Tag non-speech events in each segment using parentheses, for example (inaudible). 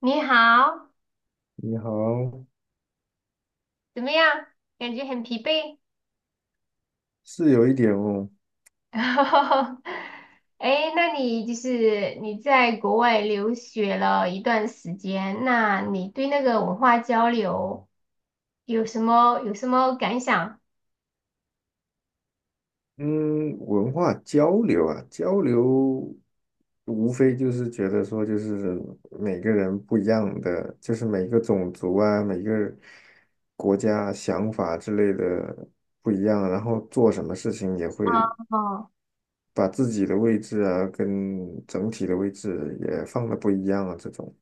你好，你好，怎么样？感觉很疲惫。是有一点哦。(laughs) 哎那你就是你在国外留学了一段时间，那你对那个文化交流有什么感想？嗯，文化交流啊，交流无非就是觉得说，就是每个人不一样的，就是每个种族啊，每个国家啊想法之类的不一样，然后做什么事情也会哦把自己的位置啊，跟整体的位置也放的不一样啊，这种，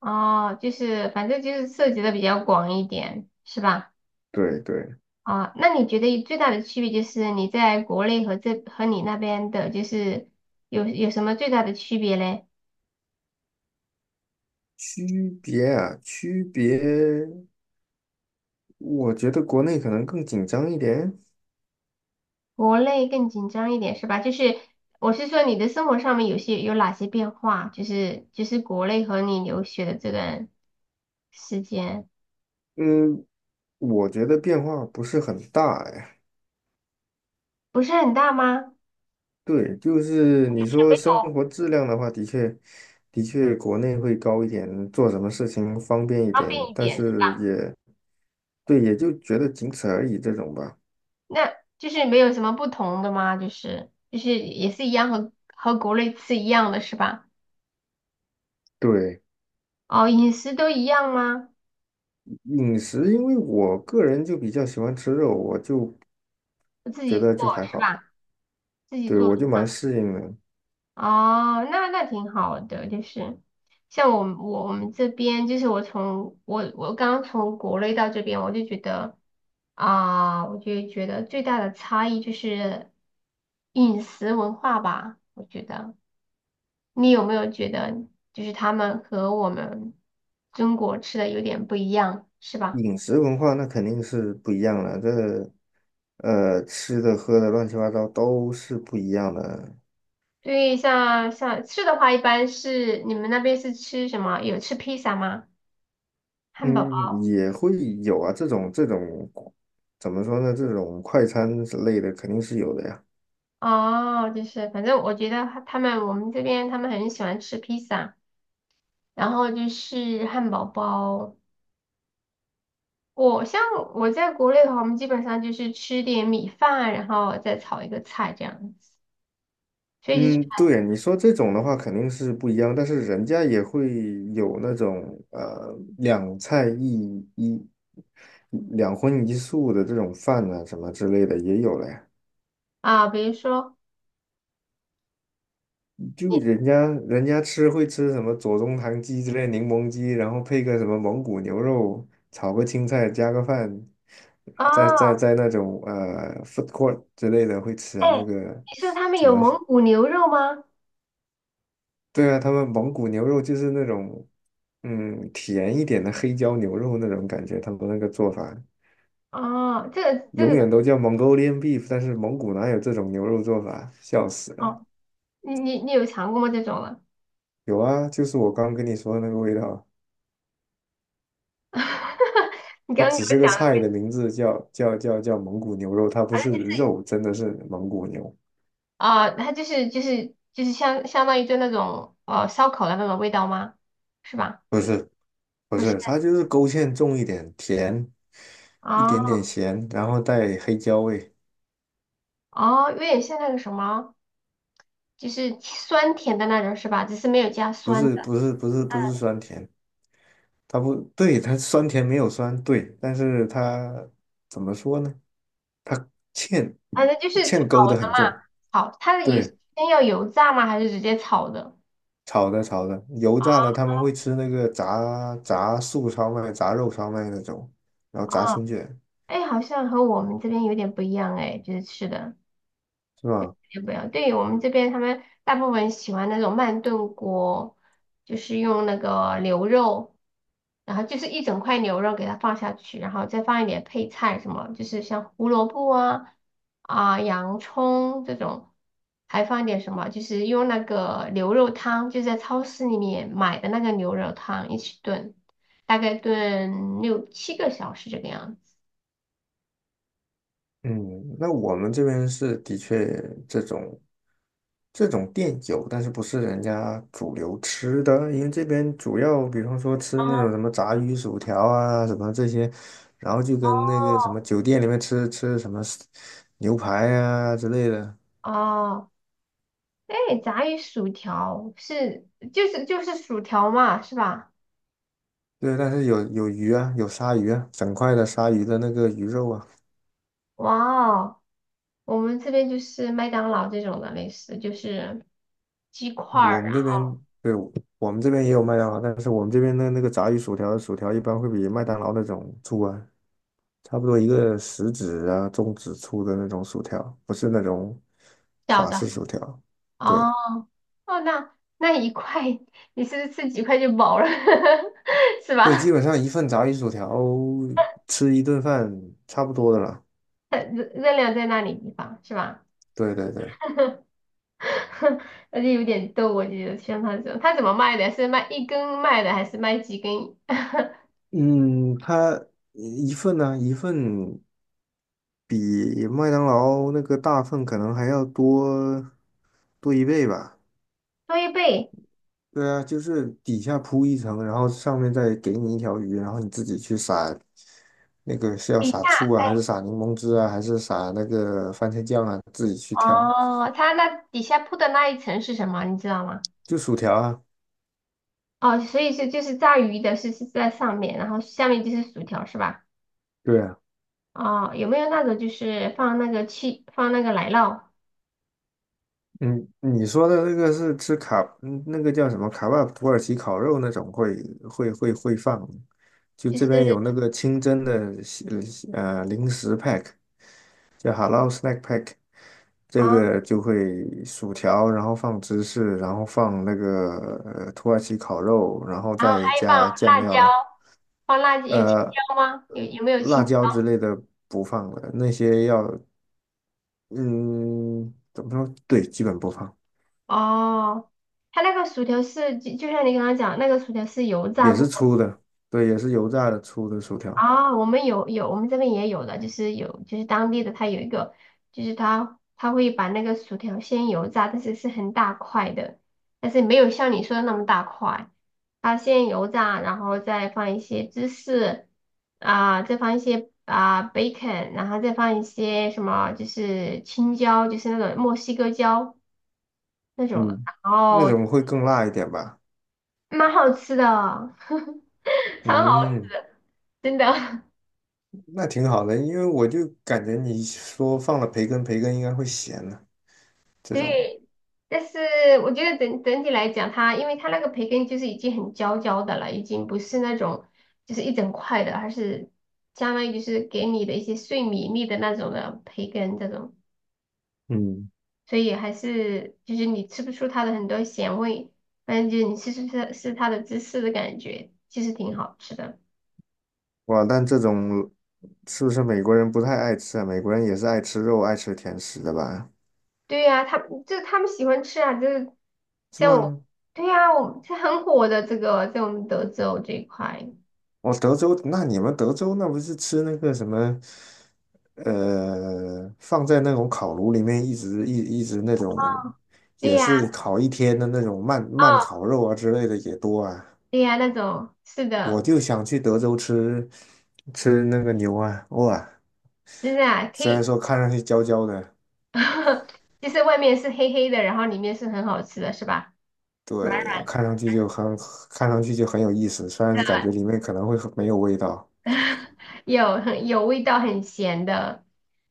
哦，就是反正就是涉及的比较广一点，是吧？对对。啊、那你觉得最大的区别就是你在国内和这和你那边的，就是有什么最大的区别嘞？区别啊，区别，我觉得国内可能更紧张一点。国内更紧张一点是吧？就是我是说你的生活上面有哪些变化？就是国内和你留学的这段时间嗯，我觉得变化不是很大呀。不是很大吗？对，就是你说没生有活质量的话，的确，的确国内会高一点，做什么事情方便一方点，便一但点，是也，对，也就觉得仅此而已这种吧。那就是没有什么不同的吗？就是也是一样和国内吃一样的是吧？对，哦，饮食都一样吗？饮食，因为我个人就比较喜欢吃肉，我就自觉己得做就还是好，吧？自己对，做。我就蛮适应的。哦，那那挺好的，就是像我们这边，就是我刚从国内到这边，我就觉得啊、我就觉得最大的差异就是饮食文化吧，我觉得你有没有觉得就是他们和我们中国吃的有点不一样，是吧？饮食文化那肯定是不一样了，这，吃的喝的乱七八糟都是不一样的。对，像吃的话，一般是你们那边是吃什么？有吃披萨吗？汉堡嗯，也会有啊，这种怎么说呢？这种快餐之类的肯定是有的呀。哦，就是反正我觉得他们我们这边他们很喜欢吃披萨，然后就是汉堡包。我像我在国内的话，我们基本上就是吃点米饭，然后再炒一个菜这样子。所以就是嗯，对啊，你说这种的话肯定是不一样，但是人家也会有那种两荤一素的这种饭啊什么之类的也有了呀。啊，比如说就你人家吃会吃什么左宗棠鸡之类柠檬鸡，然后配个什么蒙古牛肉，炒个青菜，加个饭，在在哦，在那种food court 之类的会吃哎，啊，那个你说他们怎有么？蒙古牛肉吗？对啊，他们蒙古牛肉就是那种嗯甜一点的黑椒牛肉那种感觉，他们那个做法哦，这个这永个远都叫 Mongolian beef，但是蒙古哪有这种牛肉做法？笑死了！哦，你有尝过吗？这种啊？有啊，就是我刚跟你说的那个味道。(laughs) 你它刚刚给只是我个讲。菜的名字叫蒙古牛肉，它不是肉，真的是蒙古牛，啊，它就是相当于就那种烧烤的那种味道吗？是吧？不是不不是是，它就是勾芡重一点，甜一啊点点咸，然后带黑椒味，哦，有点像那个什么，就是酸甜的那种是吧？只是没有加不酸的。是不是不是不是酸甜，它不对，它酸甜没有酸，对，但是它怎么说呢？它芡反正就是炒芡勾的的很嘛，重，炒它的油对，先要油炸吗？还是直接炒的？炒的，油炸了他们会吃那个炸素烧麦、炸肉烧麦那种，然后炸春卷。哎，好像和我们这边有点不一样哎，就是吃的。是吧？也不要。对，我们这边他们大部分喜欢那种慢炖锅，就是用那个牛肉，然后就是一整块牛肉给它放下去，然后再放一点配菜什么，就是像胡萝卜啊啊洋葱这种，还放一点什么，就是用那个牛肉汤，就在超市里面买的那个牛肉汤一起炖，大概炖六七个小时这个样子。嗯，那我们这边是的确这种这种店有，但是不是人家主流吃的，因为这边主要比方说吃那种哦，什么炸鱼薯条啊，什么这些，然后就跟那个什么酒店里面吃什么牛排啊之类的，哦，哎，炸鱼薯条是就是薯条嘛，是吧？对，但是有鱼啊，有鲨鱼啊，整块的鲨鱼的那个鱼肉啊，哇哦，我们这边就是麦当劳这种的，类似就是鸡块我儿们这啊，边对我们这边也有麦当劳，但是我们这边的那个炸鱼薯条的薯条一般会比麦当劳那种粗啊。差不多一个食指啊、中指粗的那种薯条，不是那种小法的。式薯条。对哦哦，那那一块 (laughs) 你是不是吃几块就饱了，(laughs) 是对，基吧？本上一份炸鱼薯条吃一顿饭差不多的了。(laughs) 热量在那里地方是吧？对对对。(laughs) 而且有点逗，我觉得像他这种，他怎么卖的？是卖一根卖的，还是卖几根？(laughs) 嗯，它一份呢、一份比麦当劳那个大份可能还要多多一倍吧。多一倍？对啊，就是底下铺一层，然后上面再给你一条鱼，然后你自己去撒那个是要底价撒醋啊，还是撒柠檬汁啊，还是撒那个番茄酱啊，自己去挑。哦，它那底下铺的那一层是什么？你知道吗？就薯条啊。哦，所以是就是炸鱼的是在上面，然后下面就是薯条是吧？对啊。哦，有没有那种就是放那个七放那个奶酪，嗯，你说的那个是吃卡，嗯那个叫什么卡巴土耳其烤肉那种会放，就就这边是有那个清真的西零食 pack，叫 Halal Snack Pack，这啊，个就会薯条，然后放芝士，然后放那个土耳其烤肉，然后再还放加酱辣椒，料。放辣椒有青呃，椒吗？有没有辣青椒？椒之类的不放了，那些要嗯怎么说？对，基本不放，哦，它那个薯条是就像你刚刚讲，那个薯条是油炸也是过。粗的，对，也是油炸的粗的薯条。啊，我们有，我们这边也有的，就是有就是当地的，它有一个，就是它会把那个薯条先油炸，但是是很大块的，但是没有像你说的那么大块，它先油炸，然后再放一些芝士啊、再放一些啊、bacon，然后再放一些什么就是青椒，就是那种墨西哥椒那种的，嗯，然那后种会更辣一点吧。蛮好吃的，(laughs) 超好，嗯，真的。(laughs) 那挺好的，因为我就感觉你说放了培根，培根应该会咸呢。这种。对，但是我觉得整体来讲，它因为它那个培根就是已经很焦焦的了，已经不是那种就是一整块的，而是相当于就是给你的一些碎米粒的那种的培根这种，嗯，所以还是就是你吃不出它的很多咸味，反正就是你吃它的芝士的感觉，其实挺好吃的。哇，但这种是不是美国人不太爱吃啊？美国人也是爱吃肉、爱吃甜食的吧？对呀、他就他们喜欢吃啊，就是是像我，吗？对呀、我这很火的这个在我们德州这一块，哦，德州，那你们德州那不是吃那个什么。放在那种烤炉里面一直那种，对也呀、是烤一天的那种慢慢哦烤肉啊之类的也多啊。对呀，那种是我的，就想去德州吃那个牛啊，哇，真的啊，可虽然以，说看上去焦焦的，(laughs) 就是外面是黑黑的，然后里面是很好吃的，是吧？软对，看上去就很，看上去就很有意思，虽然的，感觉里面可能会很没有味道。有很有味道，很咸的。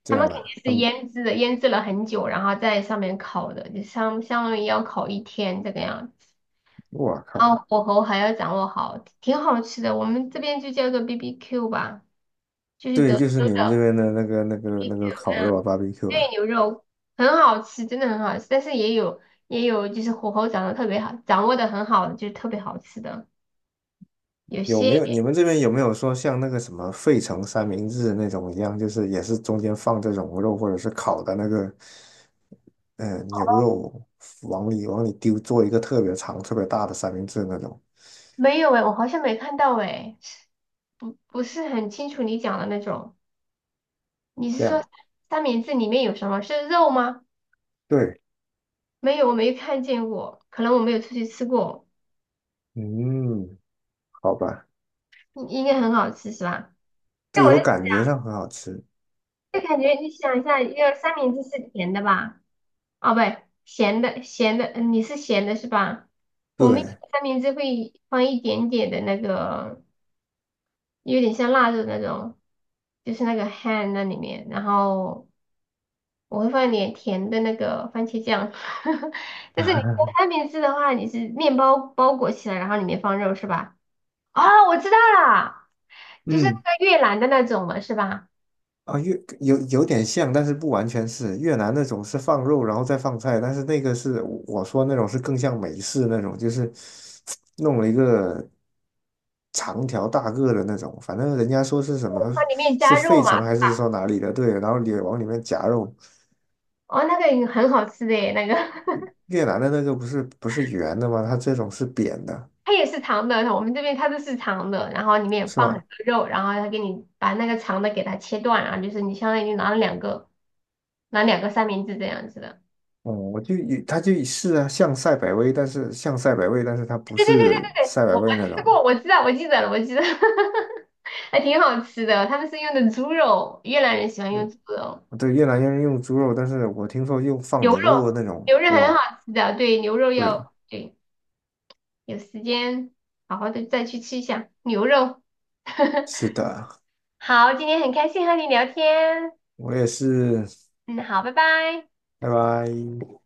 这他们样肯啊，定是嗯，腌制的，腌制了很久，然后在上面烤的，就相当于要烤一天这个样子。我然后靠，火候还要掌握好，挺好吃的。我们这边就叫做 BBQ 吧，就是对，德就是州你们这的 边的那个、那个、那个 BBQ，烤肉啊，barbecue 对，啊，牛肉很好吃，真的很好吃，但是也有就是火候掌握特别好，掌握的很好，就是特别好吃的。有有没些有？你们这边有没有说像那个什么费城三明治那种一样，就是也是中间放这种肉或者是烤的那个。牛肉往里丢，做一个特别长、特别大的三明治那种？没有哎，我好像没看到哎，不是很清楚你讲的那种。你这是说样，三明治里面有什么？是肉吗？对，没有，我没看见过，可能我没有出去吃过，嗯，好吧，应该很好吃是吧？那对我就我感觉上很好吃，就感觉你想一下，一个三明治是甜的吧？哦，不对，咸的，嗯你是咸的是吧？我们有对。的三明治会放一点点的那个，有点像腊肉那种，就是那个 ham 那里面，然后我会放一点甜的那个番茄酱。(laughs) 但是你做 (laughs) 三明治的话，你是面包包裹起来，然后里面放肉是吧？哦，我知道了，就是嗯，那个越南的那种嘛，是吧？啊，越有有点像，但是不完全是越南那种是放肉然后再放菜，但是那个是我说那种是更像美式那种，就是 (tsk) 弄了一个长条大个的那种，反正人家说是什么它里面是加肉费嘛，城还是说哪里的，对，然后也往里面夹肉。哦，那个也很好吃的耶，那个。(laughs) 越南的那个不是不是圆的吗？它这种是扁的，它也是长的，我们这边它都是长的，然后里面是放很吗？多肉，然后它给你把那个长的给它切断，然后就是你相当于拿了两个，拿两个三明治这样子的。哦、我就以它就是啊，像赛百味，但是像赛百味，但是它不对对对对是对对，赛百我味那吃种啊过，我知道，我记得了，我记得，(laughs) 还挺好吃的。他们是用的猪肉，越南人喜欢用对猪肉，对，越南人用猪肉，但是我听说用放牛肉牛肉的那种，牛肉很好哇，吃的，对，牛肉对，要对，有时间好好的再去吃一下牛肉。是 (laughs) 的，好，今天很开心和你聊天，我也是，嗯，好，拜拜。拜拜。